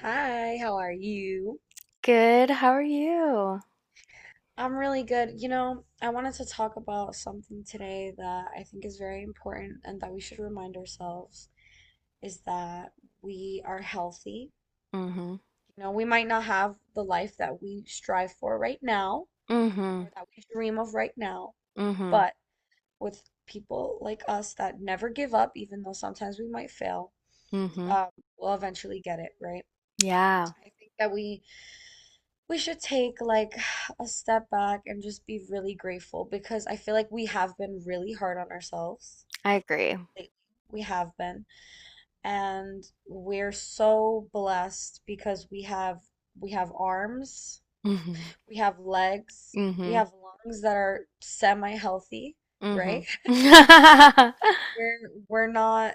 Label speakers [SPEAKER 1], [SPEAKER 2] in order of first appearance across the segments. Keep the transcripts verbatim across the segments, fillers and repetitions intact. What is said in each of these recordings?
[SPEAKER 1] Hi, how are you?
[SPEAKER 2] Good, how are you?
[SPEAKER 1] I'm really good. You know, I wanted to talk about something today that I think is very important and that we should remind ourselves is that we are healthy.
[SPEAKER 2] Mhm.
[SPEAKER 1] You know, we might not have the life that we strive for right now
[SPEAKER 2] Mhm.
[SPEAKER 1] or that we dream of right now,
[SPEAKER 2] Mhm.
[SPEAKER 1] but with people like us that never give up, even though sometimes we might fail,
[SPEAKER 2] Mhm.
[SPEAKER 1] um, we'll eventually get it, right?
[SPEAKER 2] Yeah,
[SPEAKER 1] I think that we we should take like a step back and just be really grateful because I feel like we have been really hard on ourselves
[SPEAKER 2] I agree.
[SPEAKER 1] lately. We have been. And we're so blessed because we have we have arms,
[SPEAKER 2] Mhm.
[SPEAKER 1] we have legs, we
[SPEAKER 2] Mhm.
[SPEAKER 1] have lungs that are semi-healthy, right?
[SPEAKER 2] Mhm.
[SPEAKER 1] We're we're not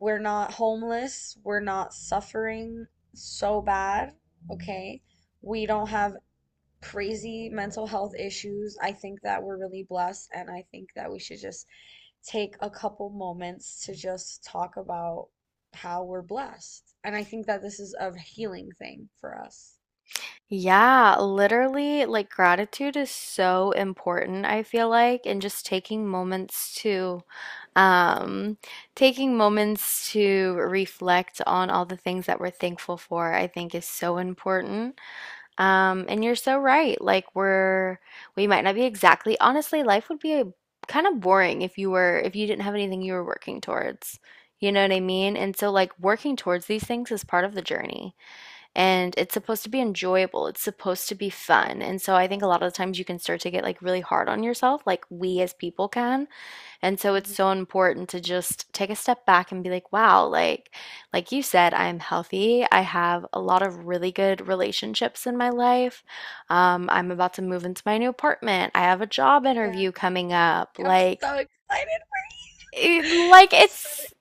[SPEAKER 1] we're not homeless, we're not suffering so bad, okay? We don't have crazy mental health issues. I think that we're really blessed, and I think that we should just take a couple moments to just talk about how we're blessed. And I think that this is a healing thing for us.
[SPEAKER 2] Yeah, literally, like gratitude is so important, I feel like, and just taking moments to um taking moments to reflect on all the things that we're thankful for, I think is so important. Um, and you're so right. Like we're we might not be exactly honestly, life would be a, kind of boring if you were if you didn't have anything you were working towards. You know what I mean? And so like working towards these things is part of the journey, and it's supposed to be enjoyable. It's supposed to be fun. And so I think a lot of the times you can start to get like really hard on yourself, like we as people can, and so it's
[SPEAKER 1] Mhm.
[SPEAKER 2] so important to just take a step back and be like, wow, like like you said, I'm healthy. I have a lot of really good relationships in my life. Um, I'm about to move into my new apartment. I have a job
[SPEAKER 1] Yeah.
[SPEAKER 2] interview coming up.
[SPEAKER 1] Yeah, I'm
[SPEAKER 2] Like
[SPEAKER 1] so excited.
[SPEAKER 2] it, like
[SPEAKER 1] I'm so
[SPEAKER 2] it's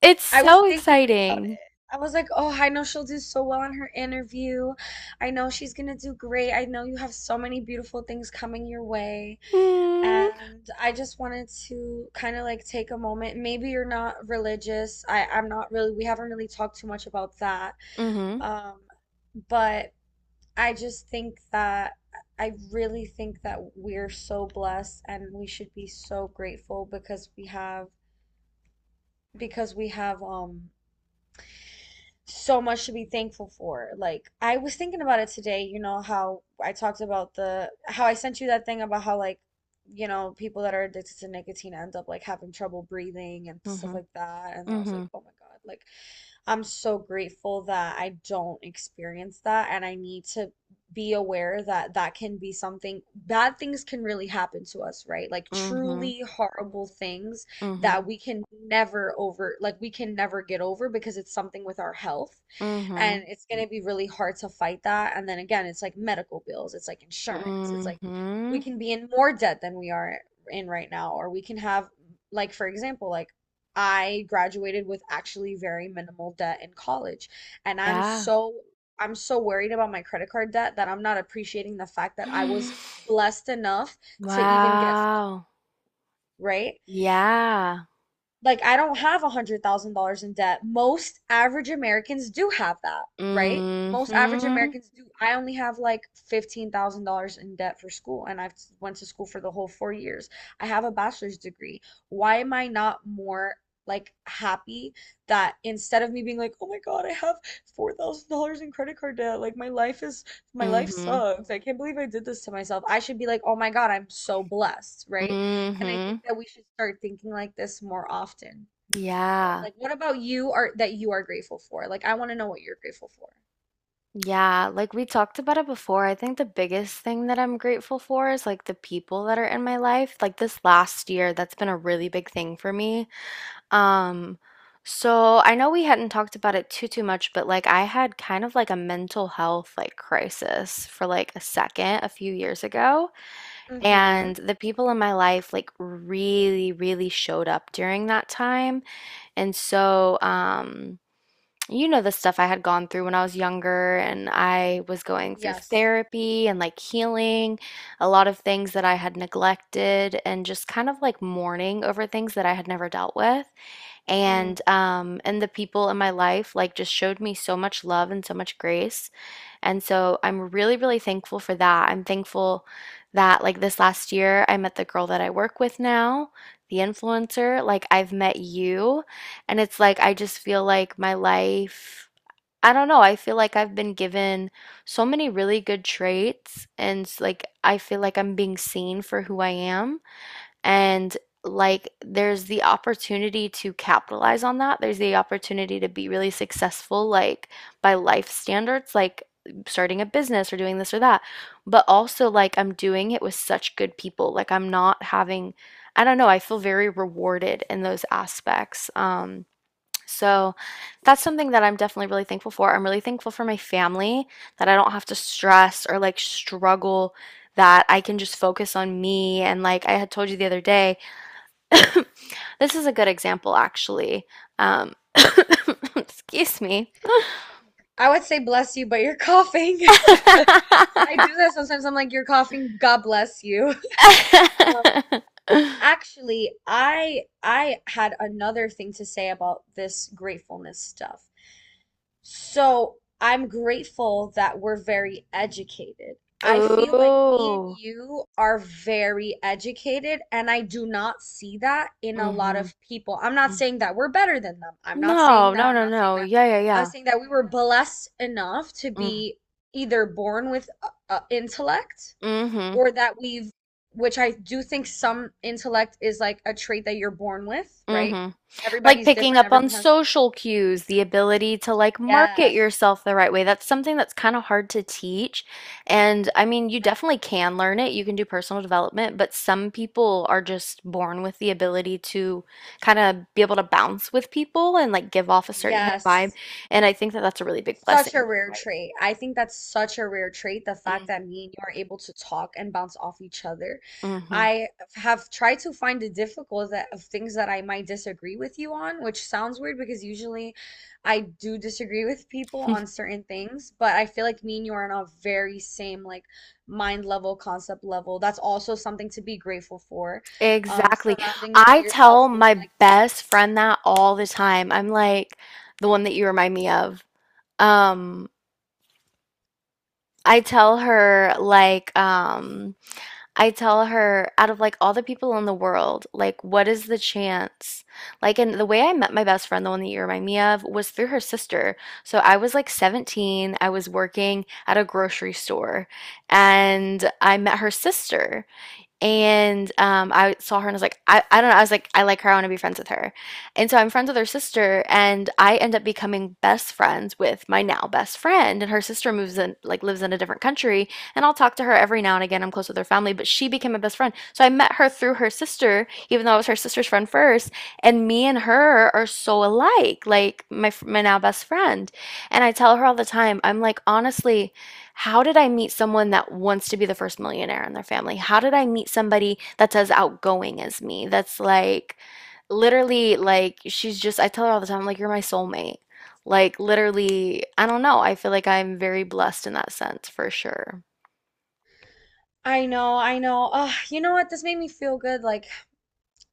[SPEAKER 2] it's
[SPEAKER 1] I was
[SPEAKER 2] so
[SPEAKER 1] thinking about it.
[SPEAKER 2] exciting.
[SPEAKER 1] I was like, oh, I know she'll do so well in her interview. I know she's gonna do great. I know you have so many beautiful things coming your way.
[SPEAKER 2] Mm.
[SPEAKER 1] And I just wanted to kind of like take a moment. Maybe you're not religious. I, I'm not really, we haven't really talked too much about that.
[SPEAKER 2] Mhm.
[SPEAKER 1] Um, but I just think that I really think that we're so blessed and we should be so grateful because we have because we have um so much to be thankful for. Like, I was thinking about it today, you know, how I talked about the, how I sent you that thing about how, like, you know, people that are addicted to nicotine end up like having trouble breathing and stuff
[SPEAKER 2] Mhm.
[SPEAKER 1] like that. And then I was like,
[SPEAKER 2] Mhm.
[SPEAKER 1] oh my God, like, I'm so grateful that I don't experience that. And I need to be aware that that can be something, bad things can really happen to us, right? Like,
[SPEAKER 2] Mhm.
[SPEAKER 1] truly horrible things
[SPEAKER 2] Mhm.
[SPEAKER 1] that we can never over, like, we can never get over because it's something with our health, and
[SPEAKER 2] Mhm.
[SPEAKER 1] it's going to be really hard to fight that. And then again, it's like medical bills, it's like insurance, it's like we
[SPEAKER 2] Mhm.
[SPEAKER 1] can be in more debt than we are in right now, or we can have, like, for example, like, I graduated with actually very minimal debt in college, and I'm
[SPEAKER 2] Yeah.
[SPEAKER 1] so I'm so worried about my credit card debt that I'm not appreciating the fact that I was blessed enough to even get scholar,
[SPEAKER 2] Wow.
[SPEAKER 1] right?
[SPEAKER 2] Yeah.
[SPEAKER 1] Like, I don't have a hundred thousand dollars in debt. Most average Americans do have that, right? Most average
[SPEAKER 2] Mhm.
[SPEAKER 1] Americans do. I only have like fifteen thousand dollars in debt for school, and I've went to school for the whole four years. I have a bachelor's degree. Why am I not more like happy, that instead of me being like, oh my God, I have four thousand dollars in credit card debt, like my life is my life
[SPEAKER 2] Mhm.
[SPEAKER 1] sucks. I can't believe I did this to myself. I should be like, oh my God, I'm so blessed, right? And I
[SPEAKER 2] Mhm.
[SPEAKER 1] think that we should start thinking like this more often, right?
[SPEAKER 2] Yeah.
[SPEAKER 1] Like, what about you are that you are grateful for? Like, I want to know what you're grateful for.
[SPEAKER 2] Yeah, like we talked about it before. I think the biggest thing that I'm grateful for is like the people that are in my life. Like this last year, that's been a really big thing for me. Um, so I know we hadn't talked about it too too much, but like I had kind of like a mental health like crisis for like a second a few years ago,
[SPEAKER 1] Mm-hmm.
[SPEAKER 2] and the people in my life like really really showed up during that time. And so, um, you know, the stuff I had gone through when I was younger, and I was going through
[SPEAKER 1] Yes.
[SPEAKER 2] therapy and like healing a lot of things that I had neglected, and just kind of like mourning over things that I had never dealt with. And
[SPEAKER 1] Mm.
[SPEAKER 2] um, and the people in my life like just showed me so much love and so much grace, and so I'm really, really thankful for that. I'm thankful that, like, this last year, I met the girl that I work with now, the influencer. Like, I've met you. And it's like, I just feel like my life, I don't know, I feel like I've been given so many really good traits. And, like, I feel like I'm being seen for who I am. And like, there's the opportunity to capitalize on that. There's the opportunity to be really successful, like by life standards, like starting a business or doing this or that. But also, like, I'm doing it with such good people. Like, I'm not having, I don't know, I feel very rewarded in those aspects. Um, so that's something that I'm definitely really thankful for. I'm really thankful for my family, that I don't have to stress or like struggle, that I can just focus on me. And like I had told you the other day, this is a good example actually. Um, excuse me.
[SPEAKER 1] I would say bless you, but you're coughing. I do that sometimes. I'm like, you're coughing. God bless you. Um, actually, I I had another thing to say about this gratefulness stuff. So I'm grateful that we're very educated. I feel like me and
[SPEAKER 2] Oh.
[SPEAKER 1] you are very educated, and I do not see that in a lot
[SPEAKER 2] Mm-hmm.
[SPEAKER 1] of people. I'm not
[SPEAKER 2] Mm.
[SPEAKER 1] saying that we're better than them. I'm not
[SPEAKER 2] No,
[SPEAKER 1] saying
[SPEAKER 2] no,
[SPEAKER 1] that. I'm
[SPEAKER 2] no,
[SPEAKER 1] not saying
[SPEAKER 2] no.
[SPEAKER 1] that.
[SPEAKER 2] Yeah, yeah,
[SPEAKER 1] I'm
[SPEAKER 2] yeah.
[SPEAKER 1] saying that we were blessed enough to
[SPEAKER 2] Mm-hmm.
[SPEAKER 1] be either born with uh, uh, intellect,
[SPEAKER 2] Mm-hmm.
[SPEAKER 1] or that we've, which I do think some intellect is like a trait that you're born with, right?
[SPEAKER 2] Mm-hmm. Like
[SPEAKER 1] Everybody's
[SPEAKER 2] picking
[SPEAKER 1] different.
[SPEAKER 2] up on
[SPEAKER 1] Everyone has,
[SPEAKER 2] social cues, the ability to like market
[SPEAKER 1] yes,
[SPEAKER 2] yourself the right way. That's something that's kind of hard to teach. And I mean, you definitely can learn it. You can do personal development, but some people are just born with the ability to kind of be able to bounce with people and like give off a certain kind of vibe.
[SPEAKER 1] yes.
[SPEAKER 2] And I think that that's a really big
[SPEAKER 1] Such a
[SPEAKER 2] blessing. So
[SPEAKER 1] rare
[SPEAKER 2] Right.
[SPEAKER 1] trait. I think that's such a rare trait, the fact that me and you are able to talk and bounce off each other.
[SPEAKER 2] Hmm.
[SPEAKER 1] I have tried to find the difficult that, of things that I might disagree with you on, which sounds weird because usually I do disagree with people
[SPEAKER 2] Hmm.
[SPEAKER 1] on certain things, but I feel like me and you are on a very same like mind level, concept level. That's also something to be grateful for. Um,
[SPEAKER 2] Exactly.
[SPEAKER 1] surrounding
[SPEAKER 2] I tell
[SPEAKER 1] yourself with
[SPEAKER 2] my
[SPEAKER 1] like-minded.
[SPEAKER 2] best friend that all the time. I'm like, the one that you remind me of. Um, I tell her like um I tell her out of like all the people in the world, like what is the chance? Like and the way I met my best friend, the one that you remind me of, was through her sister. So I was like seventeen, I was working at a grocery store and I met her sister, and um, I saw her and I was like, I, I don't know. I was like, I like her. I want to be friends with her. And so I'm friends with her sister, and I end up becoming best friends with my now best friend. And her sister moves in, like, lives in a different country. And I'll talk to her every now and again. I'm close with her family, but she became my best friend. So I met her through her sister, even though I was her sister's friend first. And me and her are so alike, like my, my now best friend. And I tell her all the time, I'm like, honestly, how did I meet someone that wants to be the first millionaire in their family? How did I meet somebody that's as outgoing as me? That's like literally like she's just I tell her all the time like you're my soulmate. Like literally, I don't know. I feel like I'm very blessed in that sense for sure.
[SPEAKER 1] I know, I know. Ugh, you know what? This made me feel good. Like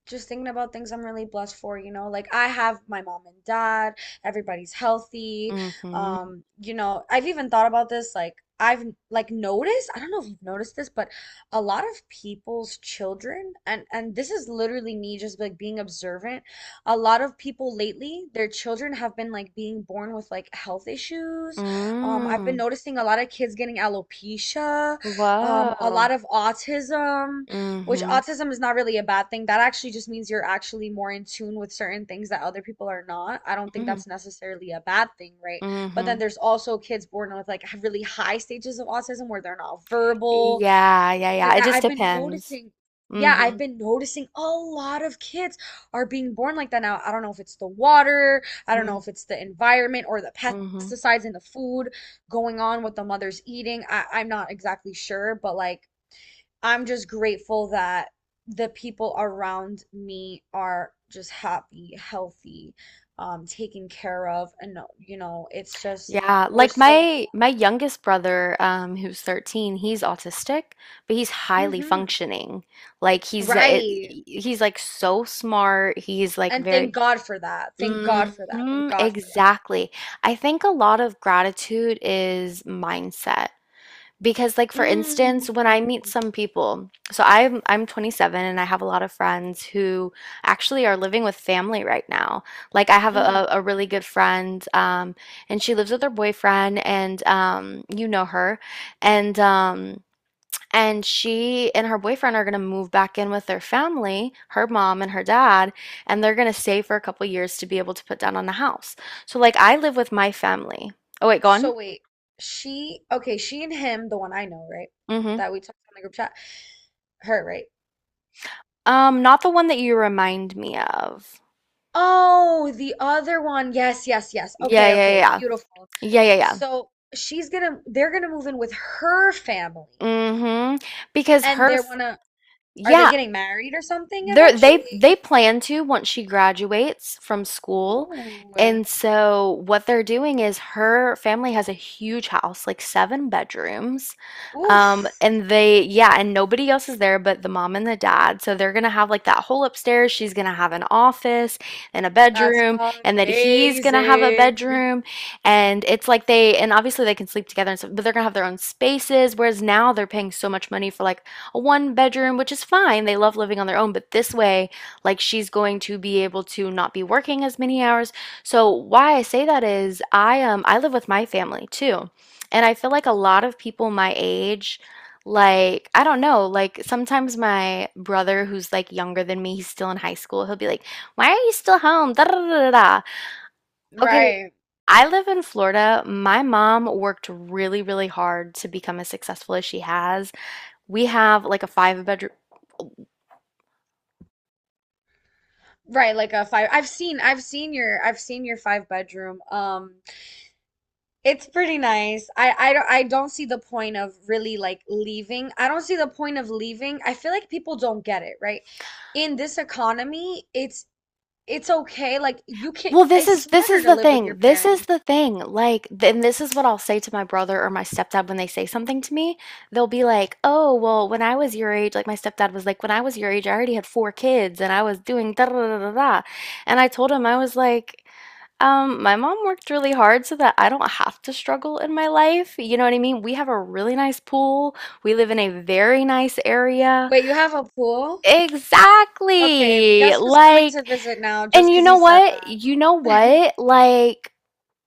[SPEAKER 1] just thinking about things I'm really blessed for, you know, like I have my mom and dad, everybody's healthy.
[SPEAKER 2] Mm-hmm.
[SPEAKER 1] Um, you know, I've even thought about this, like I've like noticed, I don't know if you've noticed this, but a lot of people's children, and and this is literally me just like being observant, a lot of people lately, their children have been like being born with like health issues. Um, I've been
[SPEAKER 2] Mm.
[SPEAKER 1] noticing a lot of kids getting alopecia, um, a
[SPEAKER 2] Whoa.
[SPEAKER 1] lot of autism, which
[SPEAKER 2] Mm-hmm.
[SPEAKER 1] autism is not really a bad thing. That actually just means you're actually more in tune with certain things that other people are not. I don't think
[SPEAKER 2] Mm-hmm.
[SPEAKER 1] that's necessarily a bad thing, right? But then
[SPEAKER 2] Mm-hmm.
[SPEAKER 1] there's also kids born with like really high stages of autism where they're not verbal,
[SPEAKER 2] Yeah, yeah,
[SPEAKER 1] things
[SPEAKER 2] yeah.
[SPEAKER 1] like
[SPEAKER 2] It
[SPEAKER 1] that.
[SPEAKER 2] just
[SPEAKER 1] I've been
[SPEAKER 2] depends.
[SPEAKER 1] noticing, yeah, I've
[SPEAKER 2] Mm-hmm.
[SPEAKER 1] been noticing a lot of kids are being born like that now. I don't know if it's the water, I don't know if it's the environment or the pest
[SPEAKER 2] Mm-hmm.
[SPEAKER 1] pesticides in the food going on, what the mother's eating. I, I'm not exactly sure, but like I'm just grateful that the people around me are just happy, healthy, um, taken care of, and no- you know, it's just
[SPEAKER 2] Yeah,
[SPEAKER 1] we're
[SPEAKER 2] like
[SPEAKER 1] so.
[SPEAKER 2] my my youngest brother, um, who's thirteen, he's autistic, but he's highly
[SPEAKER 1] Mhm.
[SPEAKER 2] functioning. Like he's it,
[SPEAKER 1] Right.
[SPEAKER 2] he's like so smart. He's like
[SPEAKER 1] And
[SPEAKER 2] very
[SPEAKER 1] thank God for that. Thank God for that. Thank
[SPEAKER 2] Mhm,
[SPEAKER 1] God for
[SPEAKER 2] exactly. I think a lot of gratitude is mindset. Because like
[SPEAKER 1] that.
[SPEAKER 2] for
[SPEAKER 1] Mm.
[SPEAKER 2] instance, when I meet some people, so I'm I'm twenty-seven and I have a lot of friends who actually are living with family right now. Like I have
[SPEAKER 1] Hmm.
[SPEAKER 2] a, a really good friend, um, and she lives with her boyfriend and um, you know her. And um and she and her boyfriend are gonna move back in with their family, her mom and her dad, and they're gonna stay for a couple years to be able to put down on the house. So like I live with my family. Oh wait, go on.
[SPEAKER 1] So wait, she, okay, she and him, the one I know, right?
[SPEAKER 2] Mm-hmm.
[SPEAKER 1] That we talked on the group chat. Her, right?
[SPEAKER 2] Um, not the one that you remind me of.
[SPEAKER 1] Oh, the other one. Yes, yes, yes.
[SPEAKER 2] Yeah,
[SPEAKER 1] Okay,
[SPEAKER 2] yeah,
[SPEAKER 1] okay.
[SPEAKER 2] yeah.
[SPEAKER 1] Beautiful.
[SPEAKER 2] Yeah, yeah, yeah.
[SPEAKER 1] So she's gonna, they're gonna move in with her family,
[SPEAKER 2] mm Mhm. Because
[SPEAKER 1] and
[SPEAKER 2] her
[SPEAKER 1] they
[SPEAKER 2] f
[SPEAKER 1] wanna, are they
[SPEAKER 2] yeah.
[SPEAKER 1] getting married or something
[SPEAKER 2] They're, they
[SPEAKER 1] eventually? Is,
[SPEAKER 2] they plan to once she graduates from school.
[SPEAKER 1] ooh,
[SPEAKER 2] And so what they're doing is her family has a huge house, like seven bedrooms. Um,
[SPEAKER 1] oof,
[SPEAKER 2] and they, yeah, and nobody else is there but the mom and the dad. So they're gonna have like that whole upstairs. She's gonna have an office and a
[SPEAKER 1] that's
[SPEAKER 2] bedroom, and then he's gonna have a
[SPEAKER 1] amazing.
[SPEAKER 2] bedroom. And it's like they, and obviously they can sleep together and stuff, but they're gonna have their own spaces. Whereas now they're paying so much money for like a one bedroom, which is fine. They love living on their own, but this way, like she's going to be able to not be working as many hours. So why I say that is I um I live with my family too. And I feel like a lot of people my age like I don't know, like sometimes my brother who's like younger than me, he's still in high school, he'll be like, "Why are you still home?" Da, da, da, da, da. Okay,
[SPEAKER 1] Right,
[SPEAKER 2] I live in Florida. My mom worked really, really hard to become as successful as she has. We have like a five bedroom.
[SPEAKER 1] right. Like a five. I've seen, I've seen your, I've seen your five bedroom. Um, It's pretty nice. I I don't I don't see the point of really like leaving. I don't see the point of leaving. I feel like people don't get it, right? In this economy, it's it's okay. Like you can,
[SPEAKER 2] Well, this
[SPEAKER 1] it's
[SPEAKER 2] is this
[SPEAKER 1] smarter
[SPEAKER 2] is
[SPEAKER 1] to
[SPEAKER 2] the
[SPEAKER 1] live with your
[SPEAKER 2] thing. This is
[SPEAKER 1] parents.
[SPEAKER 2] the thing. Like, th- and this is what I'll say to my brother or my stepdad when they say something to me. They'll be like, "Oh, well, when I was your age, like my stepdad was like, when I was your age, I already had four kids and I was doing da da da da da." And I told him I was like, um, my mom worked really hard so that I don't have to struggle in my life. You know what I mean? We have a really nice pool. We live in a very nice area.
[SPEAKER 1] Wait, you have a pool? Okay,
[SPEAKER 2] Exactly.
[SPEAKER 1] guess who's coming to
[SPEAKER 2] Like
[SPEAKER 1] visit now just
[SPEAKER 2] and you
[SPEAKER 1] 'cause he
[SPEAKER 2] know
[SPEAKER 1] said
[SPEAKER 2] what?
[SPEAKER 1] that.
[SPEAKER 2] You know what? Like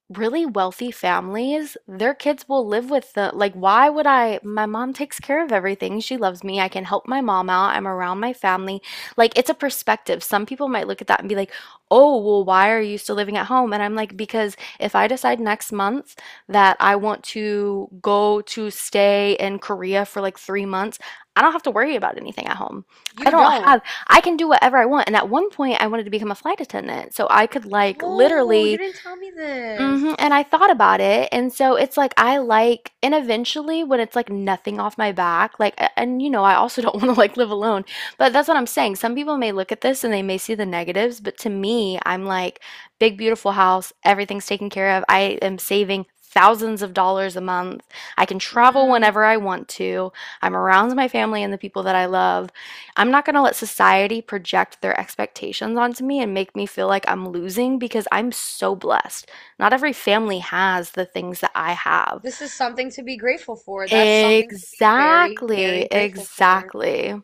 [SPEAKER 2] really wealthy families, their kids will live with the like why would I my mom takes care of everything. She loves me. I can help my mom out. I'm around my family. Like it's a perspective. Some people might look at that and be like, "Oh, well why are you still living at home?" And I'm like, "Because if I decide next month that I want to go to stay in Korea for like three months, I don't have to worry about anything at home. I
[SPEAKER 1] You
[SPEAKER 2] don't
[SPEAKER 1] don't.
[SPEAKER 2] have I can do whatever I want." And at one point I wanted to become a flight attendant. So I could like
[SPEAKER 1] Oh, you
[SPEAKER 2] literally
[SPEAKER 1] didn't tell me
[SPEAKER 2] Mhm, and
[SPEAKER 1] this.
[SPEAKER 2] I thought about it, and so it's like I like and eventually when it's like nothing off my back, like a- and you know, I also don't want to like live alone. But that's what I'm saying. Some people may look at this and they may see the negatives, but to me, I'm like big beautiful house, everything's taken care of. I am saving thousands of dollars a month. I can travel whenever
[SPEAKER 1] Mm,
[SPEAKER 2] I want to. I'm around my family and the people that I love. I'm not going to let society project their expectations onto me and make me feel like I'm losing because I'm so blessed. Not every family has the things that I have.
[SPEAKER 1] this is something to be grateful for. That's something to be very,
[SPEAKER 2] Exactly,
[SPEAKER 1] very grateful for.
[SPEAKER 2] exactly.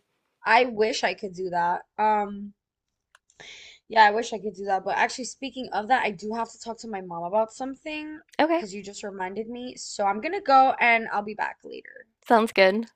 [SPEAKER 1] I wish I could do that. Um, yeah, I wish I could do that. But actually, speaking of that, I do have to talk to my mom about something
[SPEAKER 2] Okay,
[SPEAKER 1] because you just reminded me. So I'm gonna go and I'll be back later.
[SPEAKER 2] sounds good.